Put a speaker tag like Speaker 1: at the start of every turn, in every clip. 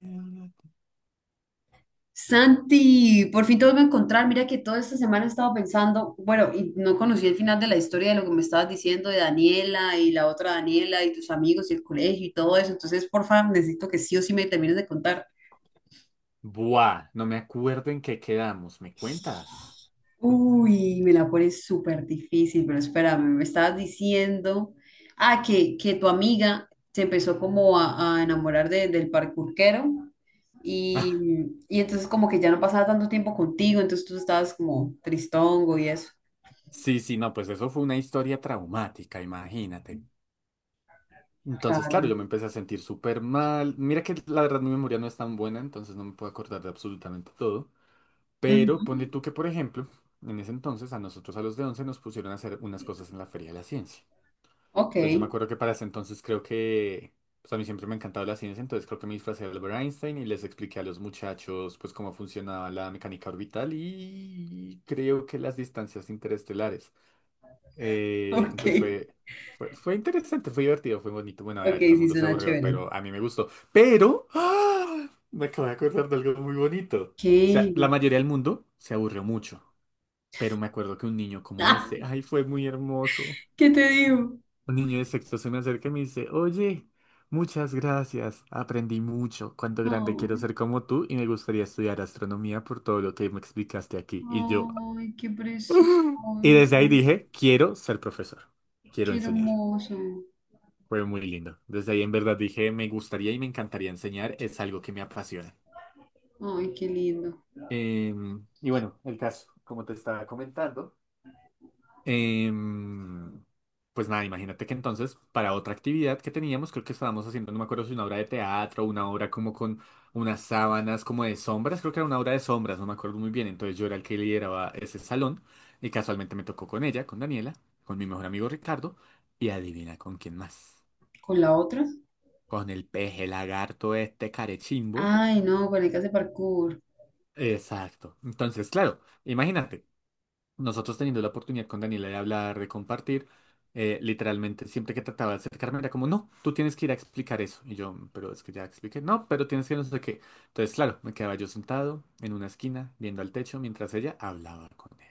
Speaker 1: Buah,
Speaker 2: Santi, por fin te vuelvo a encontrar. Mira que toda esta semana he estado pensando, bueno, y no conocí el final de la historia de lo que me estabas diciendo de Daniela y la otra Daniela y tus amigos y el colegio y todo eso. Entonces, por favor, necesito que sí o sí me termines de contar.
Speaker 1: no me acuerdo en qué quedamos. ¿Me cuentas?
Speaker 2: Uy, me la pones súper difícil, pero espérame, me estabas diciendo, que tu amiga se empezó como a enamorar del parkourquero y, y entonces como que ya no pasaba tanto tiempo contigo, entonces tú estabas como tristongo y eso.
Speaker 1: Sí, sí, no, pues eso fue una historia traumática, imagínate. Entonces, claro,
Speaker 2: Claro.
Speaker 1: yo me empecé a sentir súper mal. Mira que la verdad mi memoria no es tan buena, entonces no me puedo acordar de absolutamente todo. Pero ponle
Speaker 2: Ujú.
Speaker 1: tú que, por ejemplo, en ese entonces a nosotros a los de 11 nos pusieron a hacer unas cosas en la Feria de la Ciencia.
Speaker 2: Ok,
Speaker 1: Entonces yo me acuerdo que para ese entonces creo que, pues a mí siempre me ha encantado la ciencia, entonces creo que me disfracé de Albert Einstein y les expliqué a los muchachos pues cómo funcionaba la mecánica orbital y creo que las distancias interestelares.
Speaker 2: ok,
Speaker 1: Entonces fue interesante, fue divertido, fue bonito. Bueno, a
Speaker 2: ok,
Speaker 1: ver, todo el
Speaker 2: sí
Speaker 1: mundo se
Speaker 2: suena
Speaker 1: aburrió,
Speaker 2: chévere.
Speaker 1: pero a mí me gustó. Pero, ¡ah! Me acabo de acordar de algo muy bonito. O sea,
Speaker 2: ¿Qué?
Speaker 1: la mayoría del mundo se aburrió mucho, pero me acuerdo que un niño como
Speaker 2: Ah,
Speaker 1: ese, ay, fue muy hermoso.
Speaker 2: ¿qué te digo?
Speaker 1: Un niño de sexto se me acerca y me dice, oye, muchas gracias, aprendí mucho, cuánto grande quiero
Speaker 2: Oh,
Speaker 1: ser como tú y me gustaría estudiar astronomía por todo lo que me explicaste aquí. Y yo,
Speaker 2: ay, qué precioso,
Speaker 1: y desde ahí dije, quiero ser profesor, quiero
Speaker 2: qué
Speaker 1: enseñar.
Speaker 2: hermoso,
Speaker 1: Fue muy lindo. Desde ahí en verdad dije, me gustaría y me encantaría enseñar, es algo que me apasiona.
Speaker 2: ay, qué lindo.
Speaker 1: Y bueno, el caso, como te estaba comentando. Em, pues nada, imagínate que entonces para otra actividad que teníamos, creo que estábamos haciendo, no me acuerdo si una obra de teatro, una obra como con unas sábanas como de sombras, creo que era una obra de sombras, no me acuerdo muy bien, entonces yo era el que lideraba ese salón y casualmente me tocó con ella, con Daniela, con mi mejor amigo Ricardo y adivina con quién más,
Speaker 2: ¿Con la otra?
Speaker 1: con el peje lagarto este carechimbo.
Speaker 2: Ay, no, con el que hace parkour.
Speaker 1: Exacto, entonces claro, imagínate, nosotros teniendo la oportunidad con Daniela de hablar, de compartir, literalmente siempre que trataba de acercarme era como, no, tú tienes que ir a explicar eso. Y yo, pero es que ya expliqué, no, pero tienes que no sé qué. Entonces, claro, me quedaba yo sentado en una esquina, viendo al techo, mientras ella hablaba con él.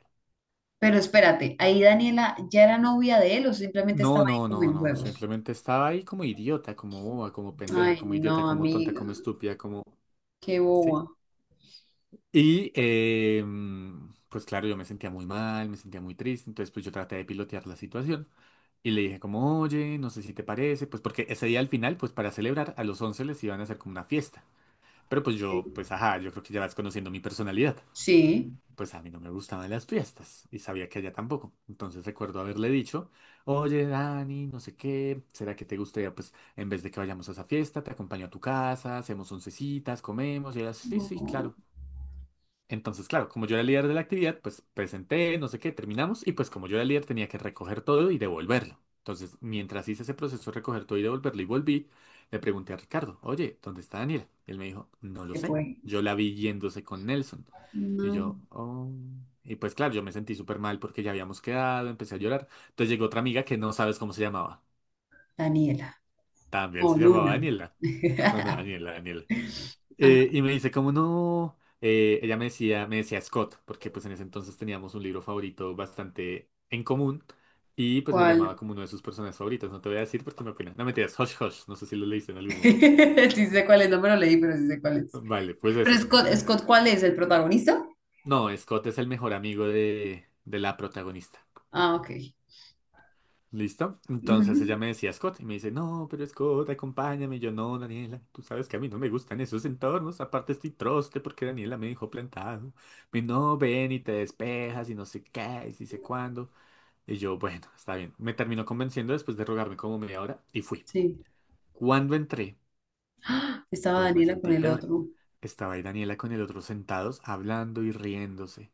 Speaker 2: Pero espérate, ahí Daniela ya era novia de él o simplemente
Speaker 1: No,
Speaker 2: estaba ahí
Speaker 1: no,
Speaker 2: como
Speaker 1: no,
Speaker 2: en
Speaker 1: no,
Speaker 2: juegos.
Speaker 1: simplemente estaba ahí como idiota, como boba, como pendeja,
Speaker 2: Ay,
Speaker 1: como idiota,
Speaker 2: no,
Speaker 1: como tonta,
Speaker 2: amiga,
Speaker 1: como estúpida, como.
Speaker 2: qué
Speaker 1: ¿Sí?
Speaker 2: boba.
Speaker 1: Y pues claro, yo me sentía muy mal, me sentía muy triste, entonces pues yo traté de pilotear la situación. Y le dije como, oye, no sé si te parece, pues porque ese día al final, pues para celebrar, a los 11 les iban a hacer como una fiesta. Pero pues yo, pues ajá, yo creo que ya vas conociendo mi personalidad.
Speaker 2: Sí.
Speaker 1: Pues a mí no me gustaban las fiestas y sabía que a ella tampoco. Entonces recuerdo haberle dicho, oye, Dani, no sé qué, ¿será que te gustaría, pues en vez de que vayamos a esa fiesta, te acompaño a tu casa, hacemos oncecitas, comemos? Y ella, sí, sí,
Speaker 2: No,
Speaker 1: claro. Entonces, claro, como yo era el líder de la actividad, pues presenté, no sé qué, terminamos y pues como yo era el líder tenía que recoger todo y devolverlo. Entonces, mientras hice ese proceso de recoger todo y devolverlo y volví, le pregunté a Ricardo, oye, ¿dónde está Daniela? Y él me dijo, no lo
Speaker 2: se
Speaker 1: sé.
Speaker 2: fue.
Speaker 1: Yo la vi yéndose con Nelson. Y
Speaker 2: No,
Speaker 1: yo, oh. Y pues claro, yo me sentí súper mal porque ya habíamos quedado, empecé a llorar. Entonces llegó otra amiga que no sabes cómo se llamaba.
Speaker 2: Daniela.
Speaker 1: También
Speaker 2: No,
Speaker 1: se llamaba
Speaker 2: Luna.
Speaker 1: Daniela. No, no, Daniela, Daniela.
Speaker 2: Ajá,
Speaker 1: Y me dice, como no? Ella me decía Scott, porque pues en ese entonces teníamos un libro favorito bastante en común y pues me
Speaker 2: ¿cuál?
Speaker 1: llamaba como uno de sus personajes favoritos. No te voy a decir porque me opina. No mentiras, Hush Hush, no sé si lo leíste en algún momento.
Speaker 2: Sí sé cuál es, no me lo leí, pero sí sé cuál es.
Speaker 1: Vale, pues
Speaker 2: Pero
Speaker 1: eso.
Speaker 2: Scott, Scott, ¿cuál es? ¿El protagonista?
Speaker 1: No, Scott es el mejor amigo de la protagonista.
Speaker 2: Ah, ok.
Speaker 1: ¿Listo? Entonces ella
Speaker 2: Ujú.
Speaker 1: me decía Scott y me dice, no, pero Scott, acompáñame. Y yo, no, Daniela, tú sabes que a mí no me gustan esos entornos. Aparte estoy troste porque Daniela me dejó plantado. Me no, ven y te despejas y no sé qué, y si sé cuándo. Y yo, bueno, está bien. Me terminó convenciendo después de rogarme como media hora y fui.
Speaker 2: Sí.
Speaker 1: Cuando entré,
Speaker 2: ¡Ah! Estaba
Speaker 1: pues me
Speaker 2: Daniela con
Speaker 1: sentí
Speaker 2: el
Speaker 1: peor.
Speaker 2: otro.
Speaker 1: Estaba ahí Daniela con el otro sentados, hablando y riéndose.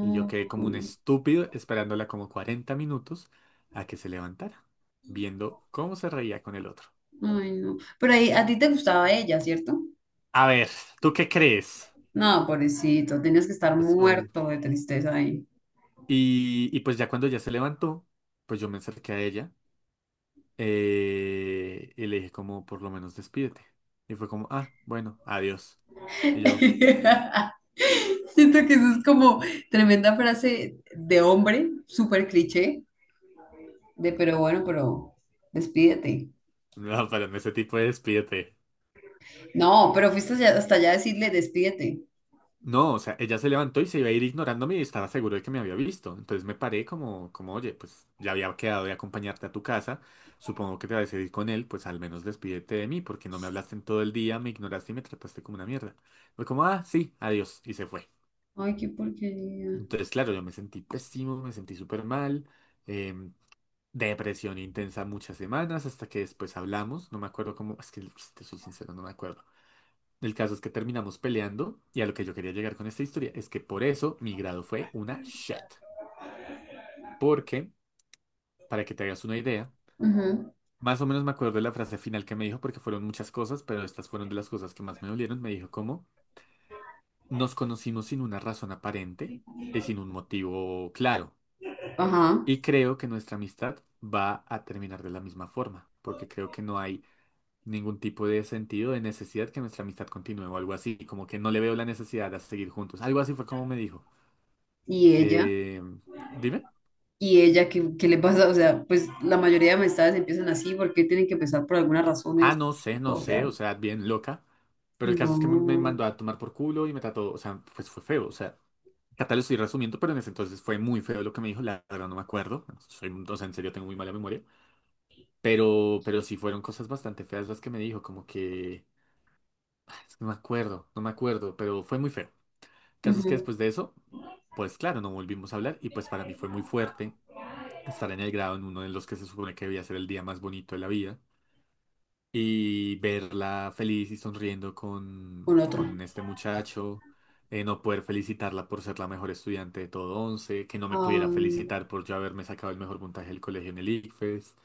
Speaker 1: Y yo quedé como un estúpido esperándola como 40 minutos a que se levantara, viendo cómo se reía con el otro.
Speaker 2: ay, no. Pero ahí, a ti te gustaba ella, ¿cierto?
Speaker 1: A ver, ¿tú qué crees?
Speaker 2: No, pobrecito, tenías que estar
Speaker 1: Pues obvio.
Speaker 2: muerto de tristeza ahí.
Speaker 1: Y pues ya cuando ya se levantó, pues yo me acerqué a ella y le dije como, por lo menos despídete. Y fue como, ah, bueno, adiós. Y yo,
Speaker 2: Siento que eso es como tremenda frase de hombre, súper cliché, pero bueno, pero despídete.
Speaker 1: no, pero en ese tipo de despídete.
Speaker 2: No, pero fuiste hasta allá a decirle despídete.
Speaker 1: No, o sea, ella se levantó y se iba a ir ignorándome y estaba seguro de que me había visto. Entonces me paré oye, pues ya había quedado de acompañarte a tu casa. Supongo que te vas a ir con él, pues al menos despídete de mí, porque no me hablaste en todo el día, me ignoraste y me trataste como una mierda. Fue como, ah, sí, adiós, y se fue.
Speaker 2: Ay, qué porquería.
Speaker 1: Entonces, claro, yo me sentí pésimo, me sentí súper mal, em, depresión intensa muchas semanas, hasta que después hablamos. No me acuerdo cómo, es que si te soy sincero, no me acuerdo. El caso es que terminamos peleando y a lo que yo quería llegar con esta historia es que por eso mi grado fue una shit. Porque, para que te hagas una idea,
Speaker 2: Ajá.
Speaker 1: más o menos me acuerdo de la frase final que me dijo porque fueron muchas cosas, pero estas fueron de las cosas que más me dolieron. Me dijo como, nos conocimos sin una razón aparente y sin un motivo claro.
Speaker 2: Ajá.
Speaker 1: Y creo que nuestra amistad va a terminar de la misma forma, porque creo que no hay ningún tipo de sentido de necesidad que nuestra amistad continúe o algo así, como que no le veo la necesidad de seguir juntos. Algo así fue como me dijo.
Speaker 2: Y ella,
Speaker 1: Eh, Dime.
Speaker 2: y ella, ¿ qué le pasa? O sea, pues la mayoría de amistades empiezan así porque tienen que empezar por alguna razón en
Speaker 1: Ah, no sé,
Speaker 2: específico.
Speaker 1: no
Speaker 2: O
Speaker 1: sé,
Speaker 2: sea,
Speaker 1: o sea, bien loca. Pero el caso es que me
Speaker 2: no.
Speaker 1: mandó a tomar por culo y me trató, o sea, pues fue feo, o sea, acá te lo estoy resumiendo, pero en ese entonces fue muy feo lo que me dijo, la verdad no me acuerdo, o sea, en serio tengo muy mala memoria, pero sí fueron cosas bastante feas las que me dijo, como que, ah, es que no me acuerdo, no me acuerdo, pero fue muy feo. El caso es que
Speaker 2: Ujú.
Speaker 1: después de eso, pues claro, no volvimos a hablar y pues para mí fue muy fuerte estar en el grado en uno de los que se supone que debía ser el día más bonito de la vida, y verla feliz y sonriendo
Speaker 2: Con
Speaker 1: con,
Speaker 2: otro.
Speaker 1: con este muchacho, no poder felicitarla por ser la mejor estudiante de todo 11 que no me pudiera
Speaker 2: Ay,
Speaker 1: felicitar por yo haberme sacado el mejor puntaje del colegio en el ICFES.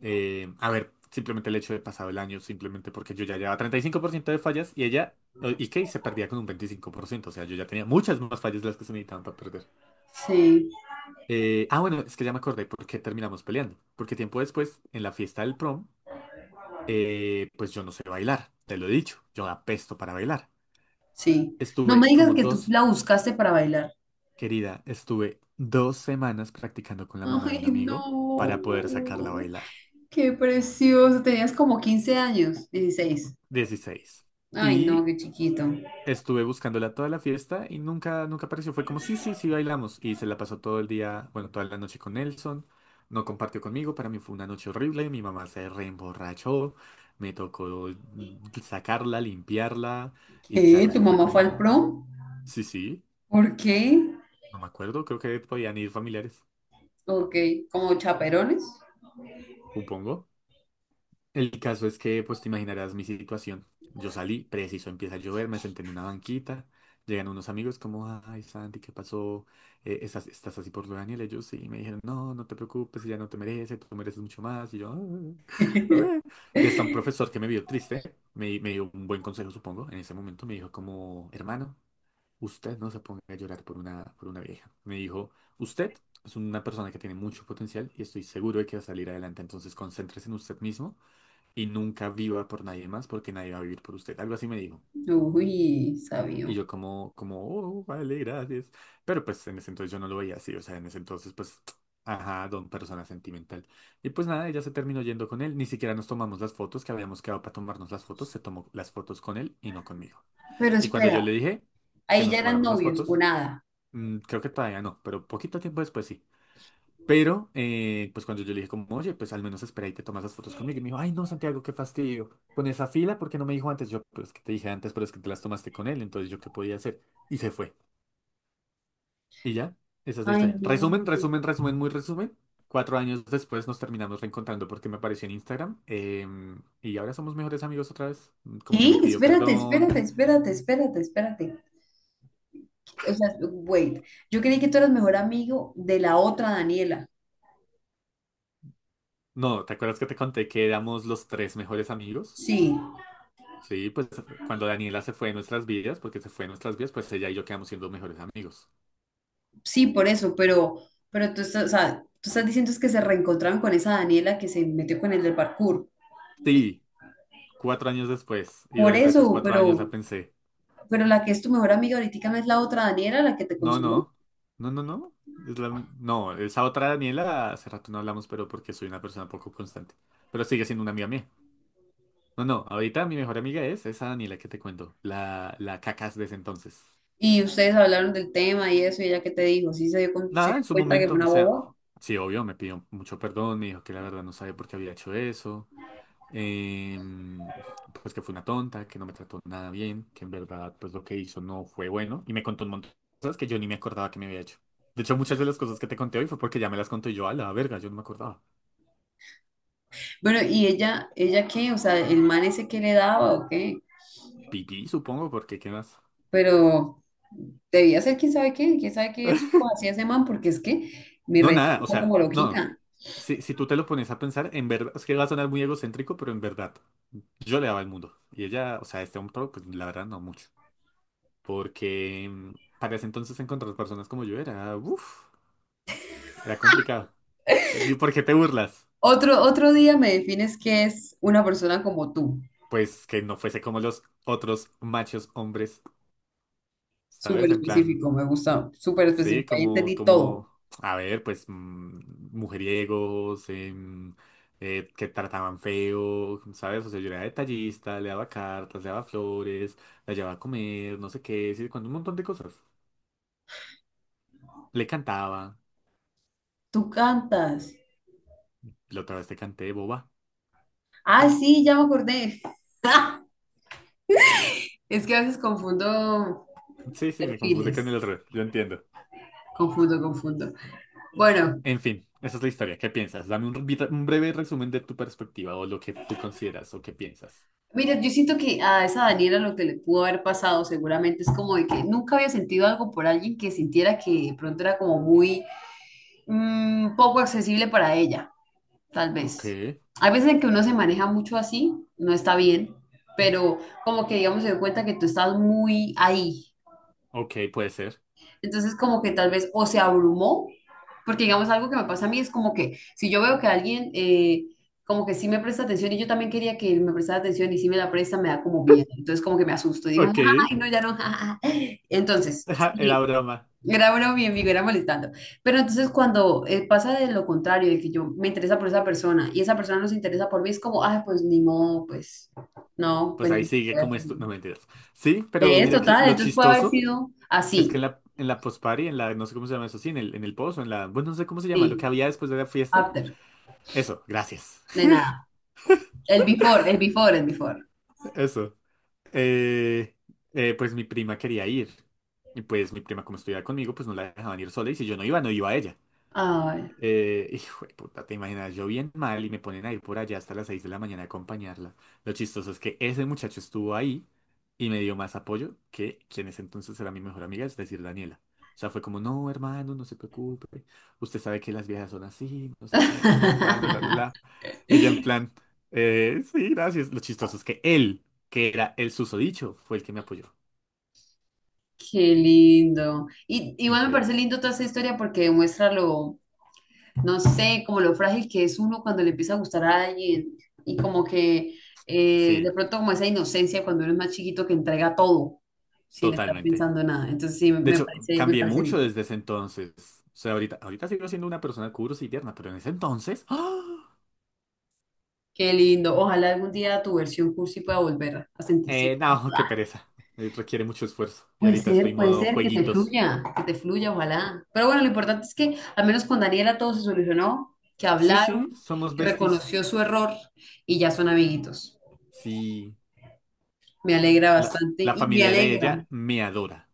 Speaker 1: A ver, simplemente el hecho de pasado el año, simplemente porque yo ya llevaba 35% de fallas y ella, y Kate se perdía con un 25%, o sea, yo ya tenía muchas más fallas de las que se necesitaban para perder.
Speaker 2: sí,
Speaker 1: Bueno, es que ya me acordé por qué terminamos peleando, porque tiempo después, en la fiesta del prom, pues yo no sé bailar, te lo he dicho, yo apesto para bailar.
Speaker 2: sí. No me
Speaker 1: Estuve
Speaker 2: digas
Speaker 1: como
Speaker 2: que tú
Speaker 1: dos,
Speaker 2: la buscaste para bailar.
Speaker 1: Querida, estuve 2 semanas practicando con la mamá de un
Speaker 2: Ay,
Speaker 1: amigo para poder sacarla a
Speaker 2: no.
Speaker 1: bailar.
Speaker 2: Qué precioso. Tenías como 15 años, 16.
Speaker 1: 16.
Speaker 2: Ay, no,
Speaker 1: Y
Speaker 2: qué chiquito.
Speaker 1: estuve buscándola toda la fiesta y nunca, nunca apareció. Fue como, sí, sí, sí, bailamos. Y se la pasó todo el día, bueno, toda la noche con Nelson. No compartió conmigo, para mí fue una noche horrible. Mi mamá se reemborrachó, me tocó sacarla, limpiarla. Y
Speaker 2: ¿Qué?
Speaker 1: claro,
Speaker 2: ¿Tu
Speaker 1: eso fue
Speaker 2: mamá fue al
Speaker 1: como,
Speaker 2: prom?
Speaker 1: sí, sí.
Speaker 2: ¿Por qué?
Speaker 1: No me acuerdo, creo que podían ir familiares,
Speaker 2: Ok, ¿como chaperones?
Speaker 1: supongo. El caso es que, pues te imaginarás mi situación. Yo salí, preciso, empieza a llover, me senté en una banquita, llegan unos amigos como, ay, Santi, ¿qué pasó? ¿Estás, así por lo de Daniel? Ellos sí, me dijeron, no, no te preocupes, ella no te merece, tú mereces mucho más. Y yo, "Ah, eh". Y hasta un profesor que me vio triste, me dio un buen consejo, supongo, en ese momento me dijo como, hermano. Usted no se ponga a llorar por una vieja. Me dijo, usted es una persona que tiene mucho potencial y estoy seguro de que va a salir adelante. Entonces concéntrese en usted mismo y nunca viva por nadie más porque nadie va a vivir por usted. Algo así me dijo.
Speaker 2: Uy,
Speaker 1: Y
Speaker 2: sabio.
Speaker 1: yo como, oh, vale, gracias. Pero pues en ese entonces yo no lo veía así. O sea, en ese entonces pues, ajá, don persona sentimental. Y pues nada, ella se terminó yendo con él. Ni siquiera nos tomamos las fotos que habíamos quedado para tomarnos las fotos. Se tomó las fotos con él y no conmigo.
Speaker 2: Pero
Speaker 1: Y cuando yo le
Speaker 2: espera,
Speaker 1: dije que
Speaker 2: ahí
Speaker 1: nos
Speaker 2: ya eran
Speaker 1: tomáramos las
Speaker 2: novios o
Speaker 1: fotos,
Speaker 2: nada.
Speaker 1: Creo que todavía no, pero poquito tiempo después sí. Pero, pues cuando yo le dije como, oye, pues al menos espera y te tomas las fotos conmigo. Y me dijo, ay, no, Santiago, qué fastidio. Con esa fila, ¿por qué no me dijo antes? Yo, pero es que te dije antes, pero es que te las tomaste con él, entonces yo qué podía hacer. Y se fue. Y ya, esa es la
Speaker 2: Ay,
Speaker 1: historia.
Speaker 2: no.
Speaker 1: Resumen, resumen, resumen, muy resumen. Cuatro años después nos terminamos reencontrando porque me apareció en Instagram. Y ahora somos mejores amigos otra vez. Como
Speaker 2: ¿Qué?
Speaker 1: que me pidió
Speaker 2: Espérate,
Speaker 1: perdón.
Speaker 2: espérate, espérate, espérate, espérate. O sea, wait. Yo creí que tú eras mejor amigo de la otra Daniela.
Speaker 1: No, ¿te acuerdas que te conté que éramos los tres mejores amigos?
Speaker 2: Sí,
Speaker 1: Sí, pues cuando Daniela se fue de nuestras vidas, porque se fue de nuestras vidas, pues ella y yo quedamos siendo mejores amigos.
Speaker 2: sí, por eso, pero o sea, tú estás diciendo es que se reencontraron con esa Daniela que se metió con el del parkour.
Speaker 1: Sí, cuatro años después, y
Speaker 2: Por
Speaker 1: durante esos
Speaker 2: eso,
Speaker 1: cuatro años la pensé,
Speaker 2: pero la que es tu mejor amiga ahorita no es la otra Daniela, la que te
Speaker 1: no,
Speaker 2: consumió.
Speaker 1: no, no, no, no, no, esa otra Daniela, hace rato no hablamos, pero porque soy una persona poco constante, pero sigue siendo una amiga mía. No, no, ahorita mi mejor amiga es esa Daniela que te cuento, la cacas de ese entonces.
Speaker 2: Y ustedes hablaron del tema y eso, y ella qué te dijo, sí se dio se
Speaker 1: Nada,
Speaker 2: dio
Speaker 1: en su
Speaker 2: cuenta que fue
Speaker 1: momento, o
Speaker 2: una
Speaker 1: sea,
Speaker 2: boba.
Speaker 1: sí, obvio, me pidió mucho perdón, me dijo que la verdad no sabe por qué había hecho eso. em, pues que fue una tonta, que no me trató nada bien, que en verdad pues lo que hizo no fue bueno y me contó un montón de cosas que yo ni me acordaba que me había hecho. De hecho, muchas de las cosas que te conté hoy fue porque ya me las conté yo a la verga, yo no me acordaba.
Speaker 2: Bueno, ¿y ella qué? O sea, el man ese que le daba o qué,
Speaker 1: Pipí, supongo, porque ¿qué más?
Speaker 2: pero debía ser quién sabe qué truco hacía ese man, porque es que mi
Speaker 1: No,
Speaker 2: reina
Speaker 1: nada, o
Speaker 2: estaba
Speaker 1: sea,
Speaker 2: como
Speaker 1: no.
Speaker 2: loquita.
Speaker 1: Si tú te lo pones a pensar, en verdad, es que va a sonar muy egocéntrico, pero en verdad, yo le daba el mundo. Y ella, o sea, este hombre, pues la verdad no mucho. Porque para ese entonces encontrar personas como yo era, uff, era complicado. ¿Y por qué te burlas?
Speaker 2: Otro día me defines qué es una persona como tú.
Speaker 1: Pues que no fuese como los otros machos hombres,
Speaker 2: Súper
Speaker 1: ¿sabes? En plan,
Speaker 2: específico, me gusta, súper
Speaker 1: sí,
Speaker 2: específico, ahí
Speaker 1: como,
Speaker 2: entendí todo.
Speaker 1: a ver, pues, mujeriegos, que trataban feo, ¿sabes? O sea, yo era detallista, le daba cartas, le daba flores, la llevaba a comer, no sé qué, sí, cuando un montón de cosas. Le cantaba,
Speaker 2: Tú cantas.
Speaker 1: la otra vez te canté, boba.
Speaker 2: Ah, sí, ya me acordé. Es que a veces confundo
Speaker 1: Sí, sí, me confundí con el
Speaker 2: perfiles.
Speaker 1: otro, yo entiendo.
Speaker 2: Confundo, confundo. Bueno,
Speaker 1: En fin, esa es la historia. ¿Qué piensas? Dame un breve resumen de tu perspectiva o lo que tú consideras o qué piensas.
Speaker 2: mira, yo siento que a esa Daniela lo que le pudo haber pasado seguramente es como de que nunca había sentido algo por alguien que sintiera que de pronto era como muy poco accesible para ella, tal
Speaker 1: Ok,
Speaker 2: vez. Hay veces en que uno se maneja mucho así, no está bien, pero como que digamos se dio cuenta que tú estás muy ahí.
Speaker 1: ok, puede ser.
Speaker 2: Entonces como que tal vez o se abrumó, porque digamos algo que me pasa a mí es como que si yo veo que alguien como que sí me presta atención y yo también quería que él me prestara atención y si me la presta me da como miedo, entonces como que me asusto y digo,
Speaker 1: Ok,
Speaker 2: ay, no, ya no. Entonces,
Speaker 1: ajá, era
Speaker 2: sí,
Speaker 1: broma.
Speaker 2: era broma mi amigo, era molestando. Pero entonces cuando pasa de lo contrario, de que yo me interesa por esa persona y esa persona no se interesa por mí, es como, ay, pues ni modo,
Speaker 1: Pues
Speaker 2: pues
Speaker 1: ahí
Speaker 2: no
Speaker 1: sigue
Speaker 2: voy a
Speaker 1: como
Speaker 2: hacer
Speaker 1: esto.
Speaker 2: nada".
Speaker 1: No mentiras. Sí, pero
Speaker 2: Es
Speaker 1: mira que
Speaker 2: total,
Speaker 1: lo
Speaker 2: entonces puede haber
Speaker 1: chistoso
Speaker 2: sido
Speaker 1: es
Speaker 2: así,
Speaker 1: que en la post-party, en la, no sé cómo se llama eso, sí, en el post o en la, bueno, no sé cómo se llama, lo que
Speaker 2: sí,
Speaker 1: había después de la fiesta.
Speaker 2: after.
Speaker 1: Eso, gracias.
Speaker 2: De nada. El before, el before, el before.
Speaker 1: Eso. Eh, pues mi prima quería ir. Y pues mi prima, como estudiaba conmigo, pues no la dejaban ir sola. Y si yo no iba, no iba ella.
Speaker 2: Ay.
Speaker 1: Hijo de puta, te imaginas, yo bien mal y me ponen a ir por allá hasta las 6 de la mañana a acompañarla. Lo chistoso es que ese muchacho estuvo ahí y me dio más apoyo que quien en ese entonces era mi mejor amiga, es decir, Daniela. O sea, fue como, no, hermano, no se preocupe. Usted sabe que las viejas son así, no sé qué, sí sé cuándo, la, la, la. Ella en plan, sí, gracias. Lo chistoso es que él, que era el susodicho, fue el que me apoyó.
Speaker 2: Qué lindo. Y igual me
Speaker 1: Increíble.
Speaker 2: parece lindo toda esa historia porque demuestra lo, no sé, como lo frágil que es uno cuando le empieza a gustar a alguien y como que de
Speaker 1: Sí,
Speaker 2: pronto como esa inocencia cuando uno es más chiquito que entrega todo sin estar
Speaker 1: totalmente.
Speaker 2: pensando en nada. Entonces sí,
Speaker 1: De hecho,
Speaker 2: me
Speaker 1: cambié
Speaker 2: parece
Speaker 1: mucho
Speaker 2: lindo.
Speaker 1: desde ese entonces. O sea, ahorita, ahorita sigo siendo una persona curiosa y tierna, pero en ese entonces... ¡ah!
Speaker 2: Qué lindo. Ojalá algún día tu versión cursi pueda volver a sentirse
Speaker 1: No, qué
Speaker 2: cómoda.
Speaker 1: pereza. Requiere mucho esfuerzo. Y ahorita estoy
Speaker 2: Puede
Speaker 1: modo
Speaker 2: ser
Speaker 1: jueguitos.
Speaker 2: que te fluya, ojalá. Pero bueno, lo importante es que al menos con Daniela todo se solucionó, que
Speaker 1: Sí, sí,
Speaker 2: hablaron,
Speaker 1: somos
Speaker 2: que
Speaker 1: besties.
Speaker 2: reconoció su error y ya son amiguitos.
Speaker 1: Sí,
Speaker 2: Me alegra
Speaker 1: la,
Speaker 2: bastante
Speaker 1: la
Speaker 2: y me
Speaker 1: familia de
Speaker 2: alegra.
Speaker 1: ella me adora.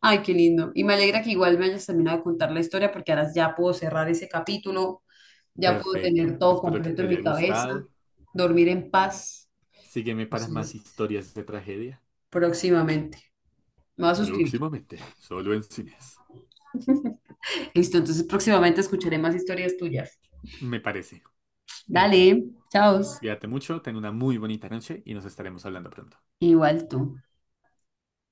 Speaker 2: Ay, qué lindo. Y me alegra que igual me hayas terminado de contar la historia porque ahora ya puedo cerrar ese capítulo, ya puedo
Speaker 1: Perfecto.
Speaker 2: tener todo
Speaker 1: Espero que
Speaker 2: completo
Speaker 1: te
Speaker 2: en
Speaker 1: haya
Speaker 2: mi cabeza,
Speaker 1: gustado.
Speaker 2: dormir en paz.
Speaker 1: Sígueme para más
Speaker 2: Entonces,
Speaker 1: historias de tragedia.
Speaker 2: próximamente. Me voy a suscribir.
Speaker 1: Próximamente, solo en cines.
Speaker 2: Listo, entonces próximamente escucharé más historias tuyas.
Speaker 1: Me parece. En fin,
Speaker 2: Dale, chao.
Speaker 1: cuídate mucho, ten una muy bonita noche y nos estaremos hablando pronto.
Speaker 2: Igual tú.